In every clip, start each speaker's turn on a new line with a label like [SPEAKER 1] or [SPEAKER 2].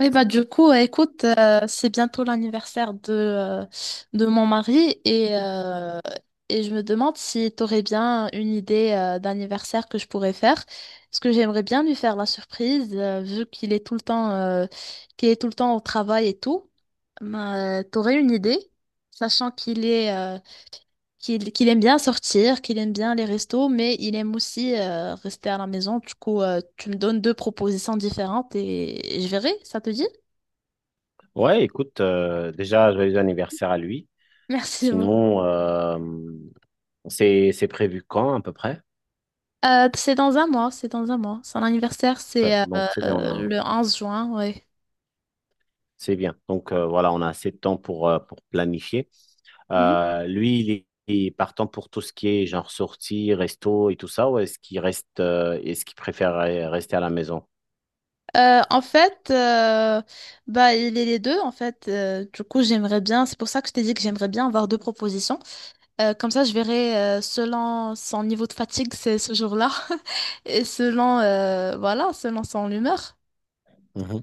[SPEAKER 1] Oui, bah du coup, écoute, c'est bientôt l'anniversaire de mon mari et je me demande si tu aurais bien une idée d'anniversaire que je pourrais faire. Parce que j'aimerais bien lui faire la surprise, vu qu'il est tout le temps au travail et tout. Bah, t'aurais une idée, sachant qu'il aime bien sortir, qu'il aime bien les restos, mais il aime aussi rester à la maison. Du coup, tu me donnes deux propositions différentes et je verrai, ça te dit?
[SPEAKER 2] Ouais, écoute, déjà, joyeux anniversaire à lui.
[SPEAKER 1] Merci beaucoup.
[SPEAKER 2] Sinon, c'est prévu quand à peu près?
[SPEAKER 1] C'est dans un mois, c'est dans un mois. Son anniversaire,
[SPEAKER 2] Ouais,
[SPEAKER 1] c'est
[SPEAKER 2] donc c'est bien,
[SPEAKER 1] le 11 juin, oui.
[SPEAKER 2] c'est bien. Donc voilà, on a assez de temps pour planifier.
[SPEAKER 1] Mhm.
[SPEAKER 2] Lui, il est partant pour tout ce qui est genre sortie, resto et tout ça, ou est-ce qu'il reste, est-ce qu'il préfère rester à la maison?
[SPEAKER 1] En fait, bah, il est les deux, en fait. Du coup, j'aimerais bien, c'est pour ça que je t'ai dit que j'aimerais bien avoir deux propositions. Comme ça, je verrai selon son niveau de fatigue c'est ce jour-là et selon, voilà, selon son humeur.
[SPEAKER 2] Mhm.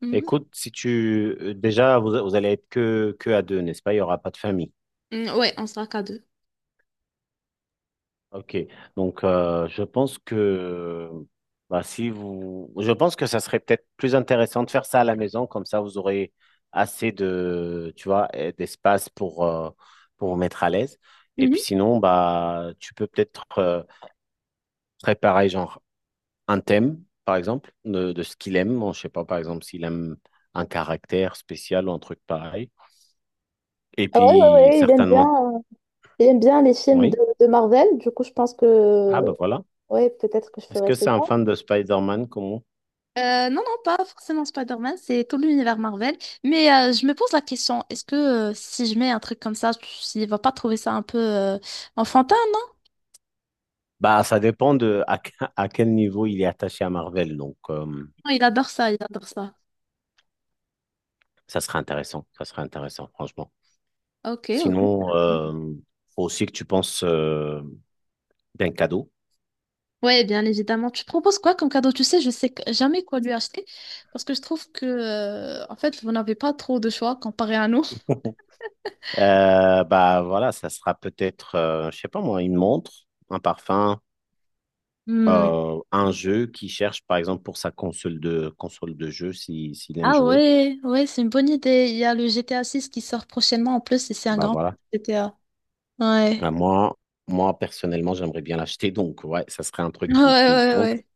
[SPEAKER 1] Mhm.
[SPEAKER 2] Écoute, si tu déjà vous allez être que à deux, n'est-ce pas? Il n'y aura pas de famille.
[SPEAKER 1] Mhm. Mm, ouais, on sera qu'à deux.
[SPEAKER 2] Ok, donc je pense que bah, si vous, je pense que ça serait peut-être plus intéressant de faire ça à la maison, comme ça vous aurez assez de, tu vois, d'espace pour vous mettre à l'aise. Et puis
[SPEAKER 1] Mhm.
[SPEAKER 2] sinon, bah tu peux peut-être préparer genre un thème, par exemple, de ce qu'il aime. Bon, je sais pas, par exemple, s'il aime un caractère spécial ou un truc pareil. Et
[SPEAKER 1] Ah ouais, ouais,
[SPEAKER 2] puis
[SPEAKER 1] ouais, il aime bien,
[SPEAKER 2] certainement,
[SPEAKER 1] euh, les films de,
[SPEAKER 2] oui.
[SPEAKER 1] de Marvel. Du coup, je pense
[SPEAKER 2] Ah
[SPEAKER 1] que.
[SPEAKER 2] bah voilà.
[SPEAKER 1] Ouais, peut-être que je
[SPEAKER 2] Est-ce
[SPEAKER 1] ferais
[SPEAKER 2] que c'est
[SPEAKER 1] cette.
[SPEAKER 2] un fan de Spider-Man comme
[SPEAKER 1] Non, non, pas forcément Spider-Man, c'est tout l'univers Marvel. Mais je me pose la question, est-ce que si je mets un truc comme ça, il va pas trouver ça un peu enfantin, non?
[SPEAKER 2] Bah, ça dépend à quel niveau il est attaché à Marvel. Donc,
[SPEAKER 1] Non, il adore ça, il adore ça.
[SPEAKER 2] ça serait intéressant. Ça serait intéressant, franchement.
[SPEAKER 1] Ok, ok.
[SPEAKER 2] Sinon, faut aussi que tu penses d'un cadeau.
[SPEAKER 1] Ouais, bien évidemment. Tu proposes quoi comme cadeau? Tu sais, je sais jamais quoi lui acheter parce que je trouve que, en fait, vous n'avez pas trop de choix comparé à nous.
[SPEAKER 2] Bah voilà, ça sera peut-être, je sais pas moi, une montre, un parfum,
[SPEAKER 1] Hmm.
[SPEAKER 2] un jeu qu'il cherche, par exemple, pour sa console de jeu, si, s'il aime
[SPEAKER 1] Ah
[SPEAKER 2] jouer.
[SPEAKER 1] ouais, ouais, c'est une bonne idée. Il y a le GTA 6 qui sort prochainement en plus et c'est un
[SPEAKER 2] Bah
[SPEAKER 1] grand
[SPEAKER 2] voilà.
[SPEAKER 1] GTA. Ouais.
[SPEAKER 2] Bah, moi personnellement, j'aimerais bien l'acheter. Donc ouais, ça serait un
[SPEAKER 1] Ouais,
[SPEAKER 2] truc qui
[SPEAKER 1] ouais,
[SPEAKER 2] tente.
[SPEAKER 1] ouais.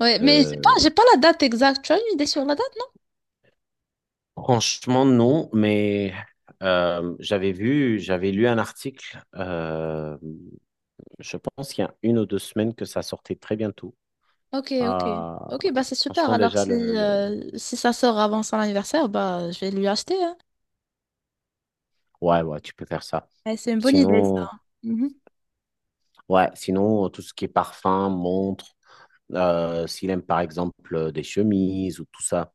[SPEAKER 1] Ouais, mais j'ai pas,
[SPEAKER 2] euh,
[SPEAKER 1] j'ai pas la date exacte. Tu as une idée sur la date?
[SPEAKER 2] Franchement, non, mais j'avais lu un article, je pense qu'il y a 1 ou 2 semaines que ça sortait très bientôt.
[SPEAKER 1] Ok, ok.
[SPEAKER 2] Euh,
[SPEAKER 1] Ok, bah c'est super.
[SPEAKER 2] Franchement,
[SPEAKER 1] Alors
[SPEAKER 2] déjà,
[SPEAKER 1] si, si ça sort avant son anniversaire, bah je vais lui acheter, hein.
[SPEAKER 2] Ouais, ouais, tu peux faire ça.
[SPEAKER 1] Ouais, c'est une bonne idée ça.
[SPEAKER 2] Sinon,
[SPEAKER 1] Mhm.
[SPEAKER 2] ouais, sinon, tout ce qui est parfum, montre, s'il aime par exemple des chemises ou tout ça.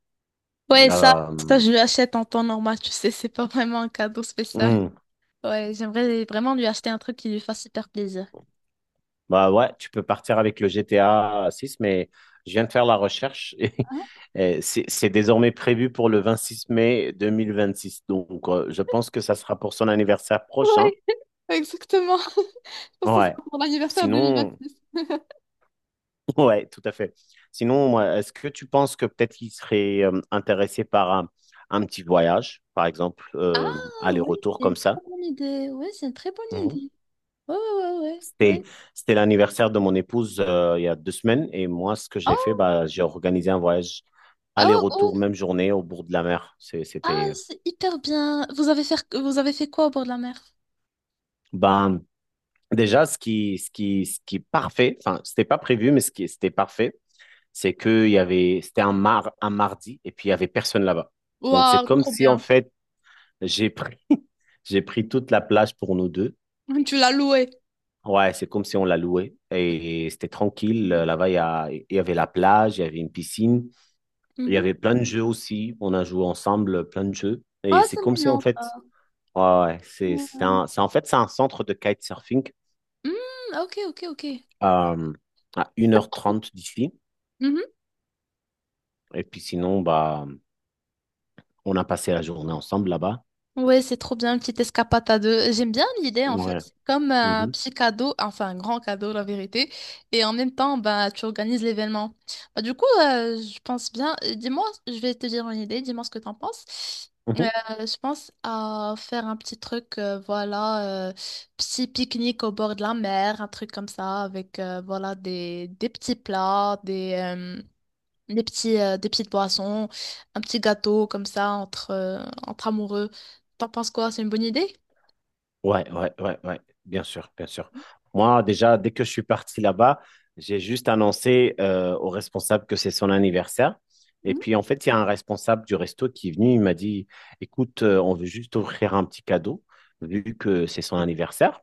[SPEAKER 1] Ouais, ça
[SPEAKER 2] Euh,
[SPEAKER 1] je lui achète en temps normal, tu sais, c'est pas vraiment un cadeau spécial.
[SPEAKER 2] hmm,
[SPEAKER 1] Ouais, j'aimerais vraiment lui acheter un truc qui lui fasse super plaisir.
[SPEAKER 2] Bah ouais, tu peux partir avec le GTA 6, mais je viens de faire la recherche
[SPEAKER 1] Ah,
[SPEAKER 2] et c'est désormais prévu pour le 26 mai 2026. Donc, je pense que ça sera pour son anniversaire prochain.
[SPEAKER 1] ouais, exactement. Je pense que ça
[SPEAKER 2] Ouais.
[SPEAKER 1] sera pour l'anniversaire
[SPEAKER 2] Sinon,
[SPEAKER 1] 2026.
[SPEAKER 2] ouais, tout à fait. Sinon, moi, est-ce que tu penses que peut-être qu'il serait intéressé par un petit voyage, par exemple,
[SPEAKER 1] Ah, oui,
[SPEAKER 2] aller-retour
[SPEAKER 1] c'est
[SPEAKER 2] comme
[SPEAKER 1] une très
[SPEAKER 2] ça?
[SPEAKER 1] bonne idée. Ouais, c'est une très bonne idée. Ouais, ouais, ouais, ouais,
[SPEAKER 2] C'était,
[SPEAKER 1] ouais.
[SPEAKER 2] c'était l'anniversaire de mon épouse il y a 2 semaines et moi, ce que j'ai fait,
[SPEAKER 1] Oh,
[SPEAKER 2] bah, j'ai organisé un voyage
[SPEAKER 1] oh, oh.
[SPEAKER 2] aller-retour, même journée, au bord de la mer. C'est-
[SPEAKER 1] Ah,
[SPEAKER 2] C'était,
[SPEAKER 1] c'est hyper bien. Vous avez fait quoi au bord de la mer?
[SPEAKER 2] ben, déjà, ce qui est parfait, enfin, c'était pas prévu, mais c'était parfait, c'est que il y avait, c'était un mardi et puis il y avait personne là-bas. Donc, c'est
[SPEAKER 1] Waouh,
[SPEAKER 2] comme
[SPEAKER 1] trop
[SPEAKER 2] si, en
[SPEAKER 1] bien.
[SPEAKER 2] fait, j'ai pris, j'ai pris toute la plage pour nous deux.
[SPEAKER 1] Tu l'as loué.
[SPEAKER 2] Ouais, c'est comme si on l'a loué et c'était tranquille. Là-bas, il y avait la plage, il y avait une piscine. Il y
[SPEAKER 1] Mhm.
[SPEAKER 2] avait plein de jeux aussi. On a joué ensemble plein de jeux. Et
[SPEAKER 1] Ah,
[SPEAKER 2] c'est
[SPEAKER 1] c'est
[SPEAKER 2] comme si, en
[SPEAKER 1] mignon,
[SPEAKER 2] fait,
[SPEAKER 1] ça.
[SPEAKER 2] ouais, ouais, en fait, c'est un centre de kitesurfing
[SPEAKER 1] Mm, ok, ok, ok.
[SPEAKER 2] euh, à 1h30 d'ici. Et puis sinon, bah, on a passé la journée ensemble là-bas.
[SPEAKER 1] Ouais, c'est trop bien, une petite escapade à deux. J'aime bien l'idée, en fait.
[SPEAKER 2] Ouais.
[SPEAKER 1] C'est comme un
[SPEAKER 2] Mhm.
[SPEAKER 1] petit cadeau, enfin un grand cadeau, la vérité. Et en même temps, bah, tu organises l'événement. Bah, du coup, je pense bien. Dis-moi, je vais te dire une idée, dis-moi ce que t'en penses. Euh,
[SPEAKER 2] Mhm.
[SPEAKER 1] je pense à faire un petit truc, voilà, petit pique-nique au bord de la mer, un truc comme ça, avec, voilà, des petits plats, des petites boissons, un petit gâteau comme ça entre amoureux. T'en penses quoi? C'est une bonne idée?
[SPEAKER 2] Ouais, ouais, ouais, ouais, bien sûr, bien sûr. Moi, déjà, dès que je suis parti là-bas, j'ai juste annoncé au responsable que c'est son anniversaire. Et
[SPEAKER 1] Mhm.
[SPEAKER 2] puis, en fait, il y a un responsable du resto qui est venu, il m'a dit, écoute, on veut juste offrir un petit cadeau, vu que c'est son anniversaire.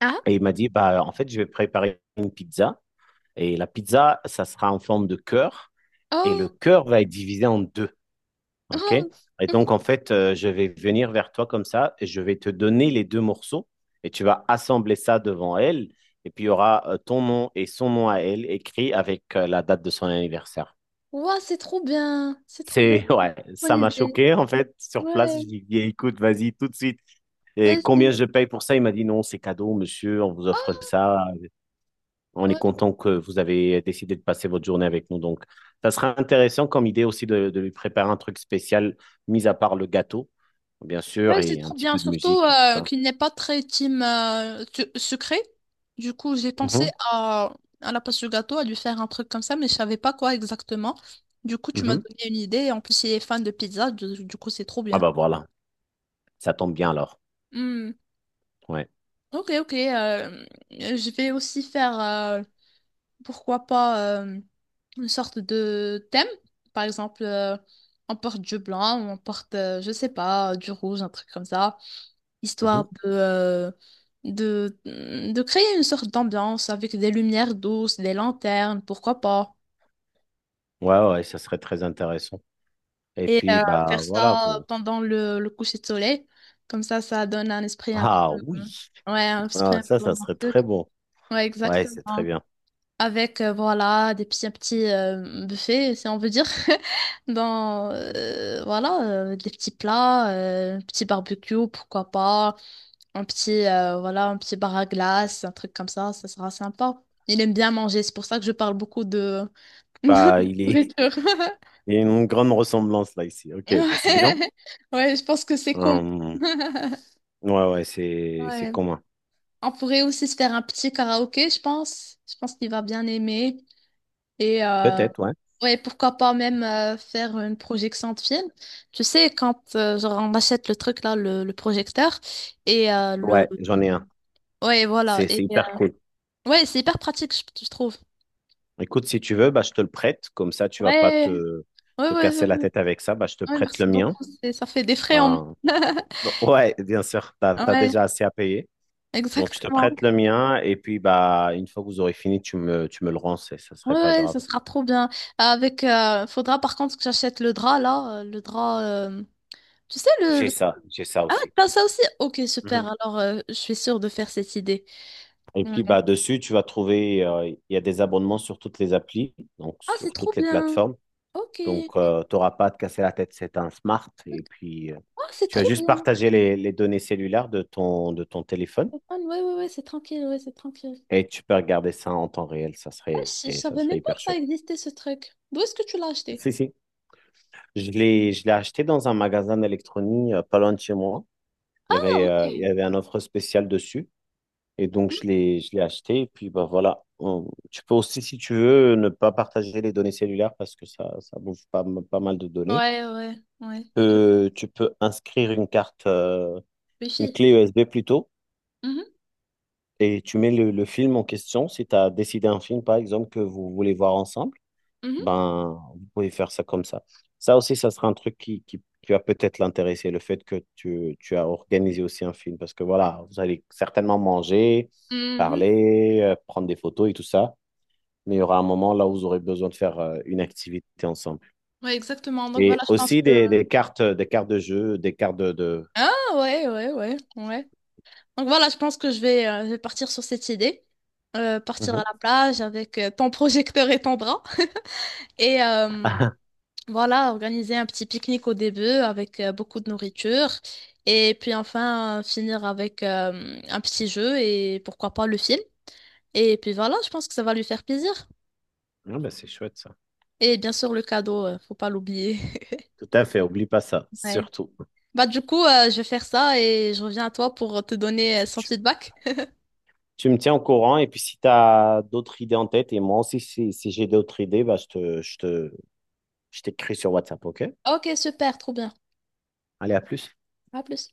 [SPEAKER 1] Ah?
[SPEAKER 2] Et il m'a dit, bah, en fait, je vais préparer une pizza. Et la pizza, ça sera en forme de cœur. Et le
[SPEAKER 1] Oh!
[SPEAKER 2] cœur va être divisé en deux. OK?
[SPEAKER 1] Oh!
[SPEAKER 2] Et donc, en fait, je vais venir vers toi comme ça et je vais te donner les deux morceaux et tu vas assembler ça devant elle. Et puis, il y aura ton nom et son nom à elle écrit avec la date de son anniversaire.
[SPEAKER 1] Ouah, c'est trop bien! C'est trop bien!
[SPEAKER 2] Ouais,
[SPEAKER 1] Bonne
[SPEAKER 2] ça m'a
[SPEAKER 1] idée.
[SPEAKER 2] choqué en fait. Sur place,
[SPEAKER 1] Ouais,
[SPEAKER 2] je lui ai dit, écoute, vas-y tout de suite. Et
[SPEAKER 1] ouais,
[SPEAKER 2] combien
[SPEAKER 1] c'est
[SPEAKER 2] je paye pour ça? Il m'a dit, non, c'est cadeau, monsieur, on vous offre
[SPEAKER 1] oh!
[SPEAKER 2] ça. On est
[SPEAKER 1] Ouais.
[SPEAKER 2] content que vous avez décidé de passer votre journée avec nous. Donc, ça sera intéressant comme idée aussi de lui préparer un truc spécial, mis à part le gâteau, bien sûr,
[SPEAKER 1] Ouais, c'est
[SPEAKER 2] et un
[SPEAKER 1] trop
[SPEAKER 2] petit
[SPEAKER 1] bien.
[SPEAKER 2] peu de
[SPEAKER 1] Surtout
[SPEAKER 2] musique et tout ça.
[SPEAKER 1] qu'il n'est pas très team sucré. Du coup, j'ai pensé
[SPEAKER 2] Mhm,
[SPEAKER 1] à la place du gâteau, à lui faire un truc comme ça, mais je savais pas quoi exactement. Du coup, tu m'as
[SPEAKER 2] mhm.
[SPEAKER 1] donné une idée. En plus, il est fan de pizza. Du coup, c'est trop
[SPEAKER 2] Ah
[SPEAKER 1] bien.
[SPEAKER 2] bah voilà, ça tombe bien alors. Ouais.
[SPEAKER 1] Ok, ok. Je vais aussi faire, pourquoi pas, une sorte de thème. Par exemple, on porte du blanc, ou on porte, je sais pas, du rouge, un truc comme ça,
[SPEAKER 2] Mhm.
[SPEAKER 1] histoire de créer une sorte d'ambiance avec des lumières douces, des lanternes, pourquoi pas.
[SPEAKER 2] Ouais, ouais, ça serait très intéressant. Et
[SPEAKER 1] Et
[SPEAKER 2] puis,
[SPEAKER 1] faire
[SPEAKER 2] bah voilà,
[SPEAKER 1] ça
[SPEAKER 2] vous.
[SPEAKER 1] pendant le coucher de soleil. Comme ça donne un esprit un peu,
[SPEAKER 2] Ah oui,
[SPEAKER 1] ouais, un esprit
[SPEAKER 2] ah,
[SPEAKER 1] un
[SPEAKER 2] ça,
[SPEAKER 1] peu
[SPEAKER 2] ça serait
[SPEAKER 1] romantique.
[SPEAKER 2] très bon.
[SPEAKER 1] Ouais,
[SPEAKER 2] Ouais, c'est très
[SPEAKER 1] exactement.
[SPEAKER 2] bien.
[SPEAKER 1] Avec voilà des petits un petit buffet si on veut dire, dans
[SPEAKER 2] Mhm.
[SPEAKER 1] voilà des petits plats, un petit barbecue pourquoi pas, un petit voilà un petit bar à glace, un truc comme ça sera sympa. Il aime bien manger, c'est pour ça que je parle beaucoup de
[SPEAKER 2] Bah,
[SPEAKER 1] de
[SPEAKER 2] il est...
[SPEAKER 1] nourriture.
[SPEAKER 2] Il y a une grande ressemblance là ici. Ok, bah, c'est bien.
[SPEAKER 1] Ouais, ouais, je pense que c'est commun.
[SPEAKER 2] Hum, ouais, ouais, c'est
[SPEAKER 1] Ouais,
[SPEAKER 2] commun.
[SPEAKER 1] on pourrait aussi se faire un petit karaoké, je pense qu'il va bien aimer. Et
[SPEAKER 2] Peut-être, ouais.
[SPEAKER 1] ouais, pourquoi pas même faire une projection de film. Tu sais, quand genre, on achète le truc là, le projecteur, et le.
[SPEAKER 2] Ouais, j'en ai un.
[SPEAKER 1] Ouais, voilà.
[SPEAKER 2] C'est
[SPEAKER 1] Et,
[SPEAKER 2] c'est hyper cool.
[SPEAKER 1] ouais, c'est hyper pratique, je trouve.
[SPEAKER 2] Écoute, si tu veux, bah, je te le prête. Comme ça, tu vas pas
[SPEAKER 1] Ouais,
[SPEAKER 2] te,
[SPEAKER 1] ouais, ouais,
[SPEAKER 2] te
[SPEAKER 1] ouais,
[SPEAKER 2] casser la
[SPEAKER 1] ouais,
[SPEAKER 2] tête avec ça. Bah, je te
[SPEAKER 1] ouais,
[SPEAKER 2] prête
[SPEAKER 1] merci
[SPEAKER 2] le mien.
[SPEAKER 1] beaucoup. Ça fait des frais en moins.
[SPEAKER 2] Hum, ouais, bien sûr, tu as
[SPEAKER 1] Ouais,
[SPEAKER 2] déjà assez à payer. Donc, je te prête
[SPEAKER 1] exactement.
[SPEAKER 2] le mien et puis, bah, une fois que vous aurez fini, tu me le rends, ça
[SPEAKER 1] Ouais,
[SPEAKER 2] serait pas
[SPEAKER 1] ouais, ce
[SPEAKER 2] grave.
[SPEAKER 1] sera trop bien. Avec, faudra par contre que j'achète le drap là, le drap. Tu sais le-
[SPEAKER 2] J'ai ça
[SPEAKER 1] Ah,
[SPEAKER 2] aussi.
[SPEAKER 1] t'as ça aussi? Ok,
[SPEAKER 2] Mhm.
[SPEAKER 1] super. Alors, je suis sûre de faire cette idée.
[SPEAKER 2] Et
[SPEAKER 1] Mm.
[SPEAKER 2] puis, bah, dessus, tu vas trouver, il y a des abonnements sur toutes les applis, donc
[SPEAKER 1] Ah, c'est
[SPEAKER 2] sur
[SPEAKER 1] trop
[SPEAKER 2] toutes les
[SPEAKER 1] bien.
[SPEAKER 2] plateformes.
[SPEAKER 1] Ok.
[SPEAKER 2] Donc, tu n'auras pas à te casser la tête, c'est un smart. Et puis,
[SPEAKER 1] Ah, c'est
[SPEAKER 2] tu vas
[SPEAKER 1] trop
[SPEAKER 2] juste
[SPEAKER 1] bien.
[SPEAKER 2] partager les données cellulaires de ton téléphone
[SPEAKER 1] Ah, ouais, ouais, ouais, c'est tranquille, ouais, c'est tranquille.
[SPEAKER 2] et tu peux regarder ça en temps réel,
[SPEAKER 1] Ah, je
[SPEAKER 2] et ça
[SPEAKER 1] savais
[SPEAKER 2] serait
[SPEAKER 1] même pas
[SPEAKER 2] hyper
[SPEAKER 1] que ça
[SPEAKER 2] chouette.
[SPEAKER 1] existait, ce truc. D'où est-ce que tu l'as acheté?
[SPEAKER 2] Si, si. Je l'ai acheté dans un magasin d'électronique pas loin de chez moi.
[SPEAKER 1] Ah, ok.
[SPEAKER 2] Il y avait un offre spéciale dessus. Et donc,
[SPEAKER 1] Hmm.
[SPEAKER 2] je l'ai acheté. Et puis, bah, voilà. Tu peux aussi, si tu veux, ne pas partager les données cellulaires parce que ça bouffe pas, pas mal de données.
[SPEAKER 1] Ouais, ouais, ouais. Tu peux
[SPEAKER 2] Tu peux inscrire une carte, une
[SPEAKER 1] réfléchir.
[SPEAKER 2] clé USB plutôt.
[SPEAKER 1] Mhm,
[SPEAKER 2] Et tu mets le film en question. Si tu as décidé un film, par exemple, que vous voulez voir ensemble.
[SPEAKER 1] mhm,
[SPEAKER 2] Ben, vous pouvez faire ça comme ça. Ça aussi, ça sera un truc qui va peut-être l'intéresser, le fait que tu as organisé aussi un film, parce que voilà, vous allez certainement manger,
[SPEAKER 1] mhm.
[SPEAKER 2] parler, prendre des photos et tout ça, mais il y aura un moment là où vous aurez besoin de faire une activité ensemble.
[SPEAKER 1] Ouais, exactement. Donc voilà,
[SPEAKER 2] Et
[SPEAKER 1] je pense
[SPEAKER 2] aussi
[SPEAKER 1] que.
[SPEAKER 2] des cartes, des cartes de jeu, des cartes de...
[SPEAKER 1] Ah, ouais, ouais, ouais, ouais. Donc voilà, je pense que je vais partir sur cette idée. Partir à
[SPEAKER 2] Mhm.
[SPEAKER 1] la plage avec ton projecteur et ton bras. Et, voilà, organiser un petit pique-nique au début avec beaucoup de nourriture et puis enfin finir avec un petit jeu et pourquoi pas le film. Et puis voilà, je pense que ça va lui faire plaisir.
[SPEAKER 2] Ah, ben, c'est chouette ça.
[SPEAKER 1] Et bien sûr le cadeau, faut pas l'oublier.
[SPEAKER 2] Tout à fait, oublie pas ça,
[SPEAKER 1] Ouais.
[SPEAKER 2] surtout.
[SPEAKER 1] Bah du coup, je vais faire ça et je reviens à toi pour te donner son
[SPEAKER 2] Tu,
[SPEAKER 1] feedback.
[SPEAKER 2] tu me tiens au courant et puis si tu as d'autres idées en tête, et moi aussi si j'ai d'autres idées, bah, je t'écris sur WhatsApp, OK?
[SPEAKER 1] Ok, super, trop bien.
[SPEAKER 2] Allez, à plus.
[SPEAKER 1] À plus.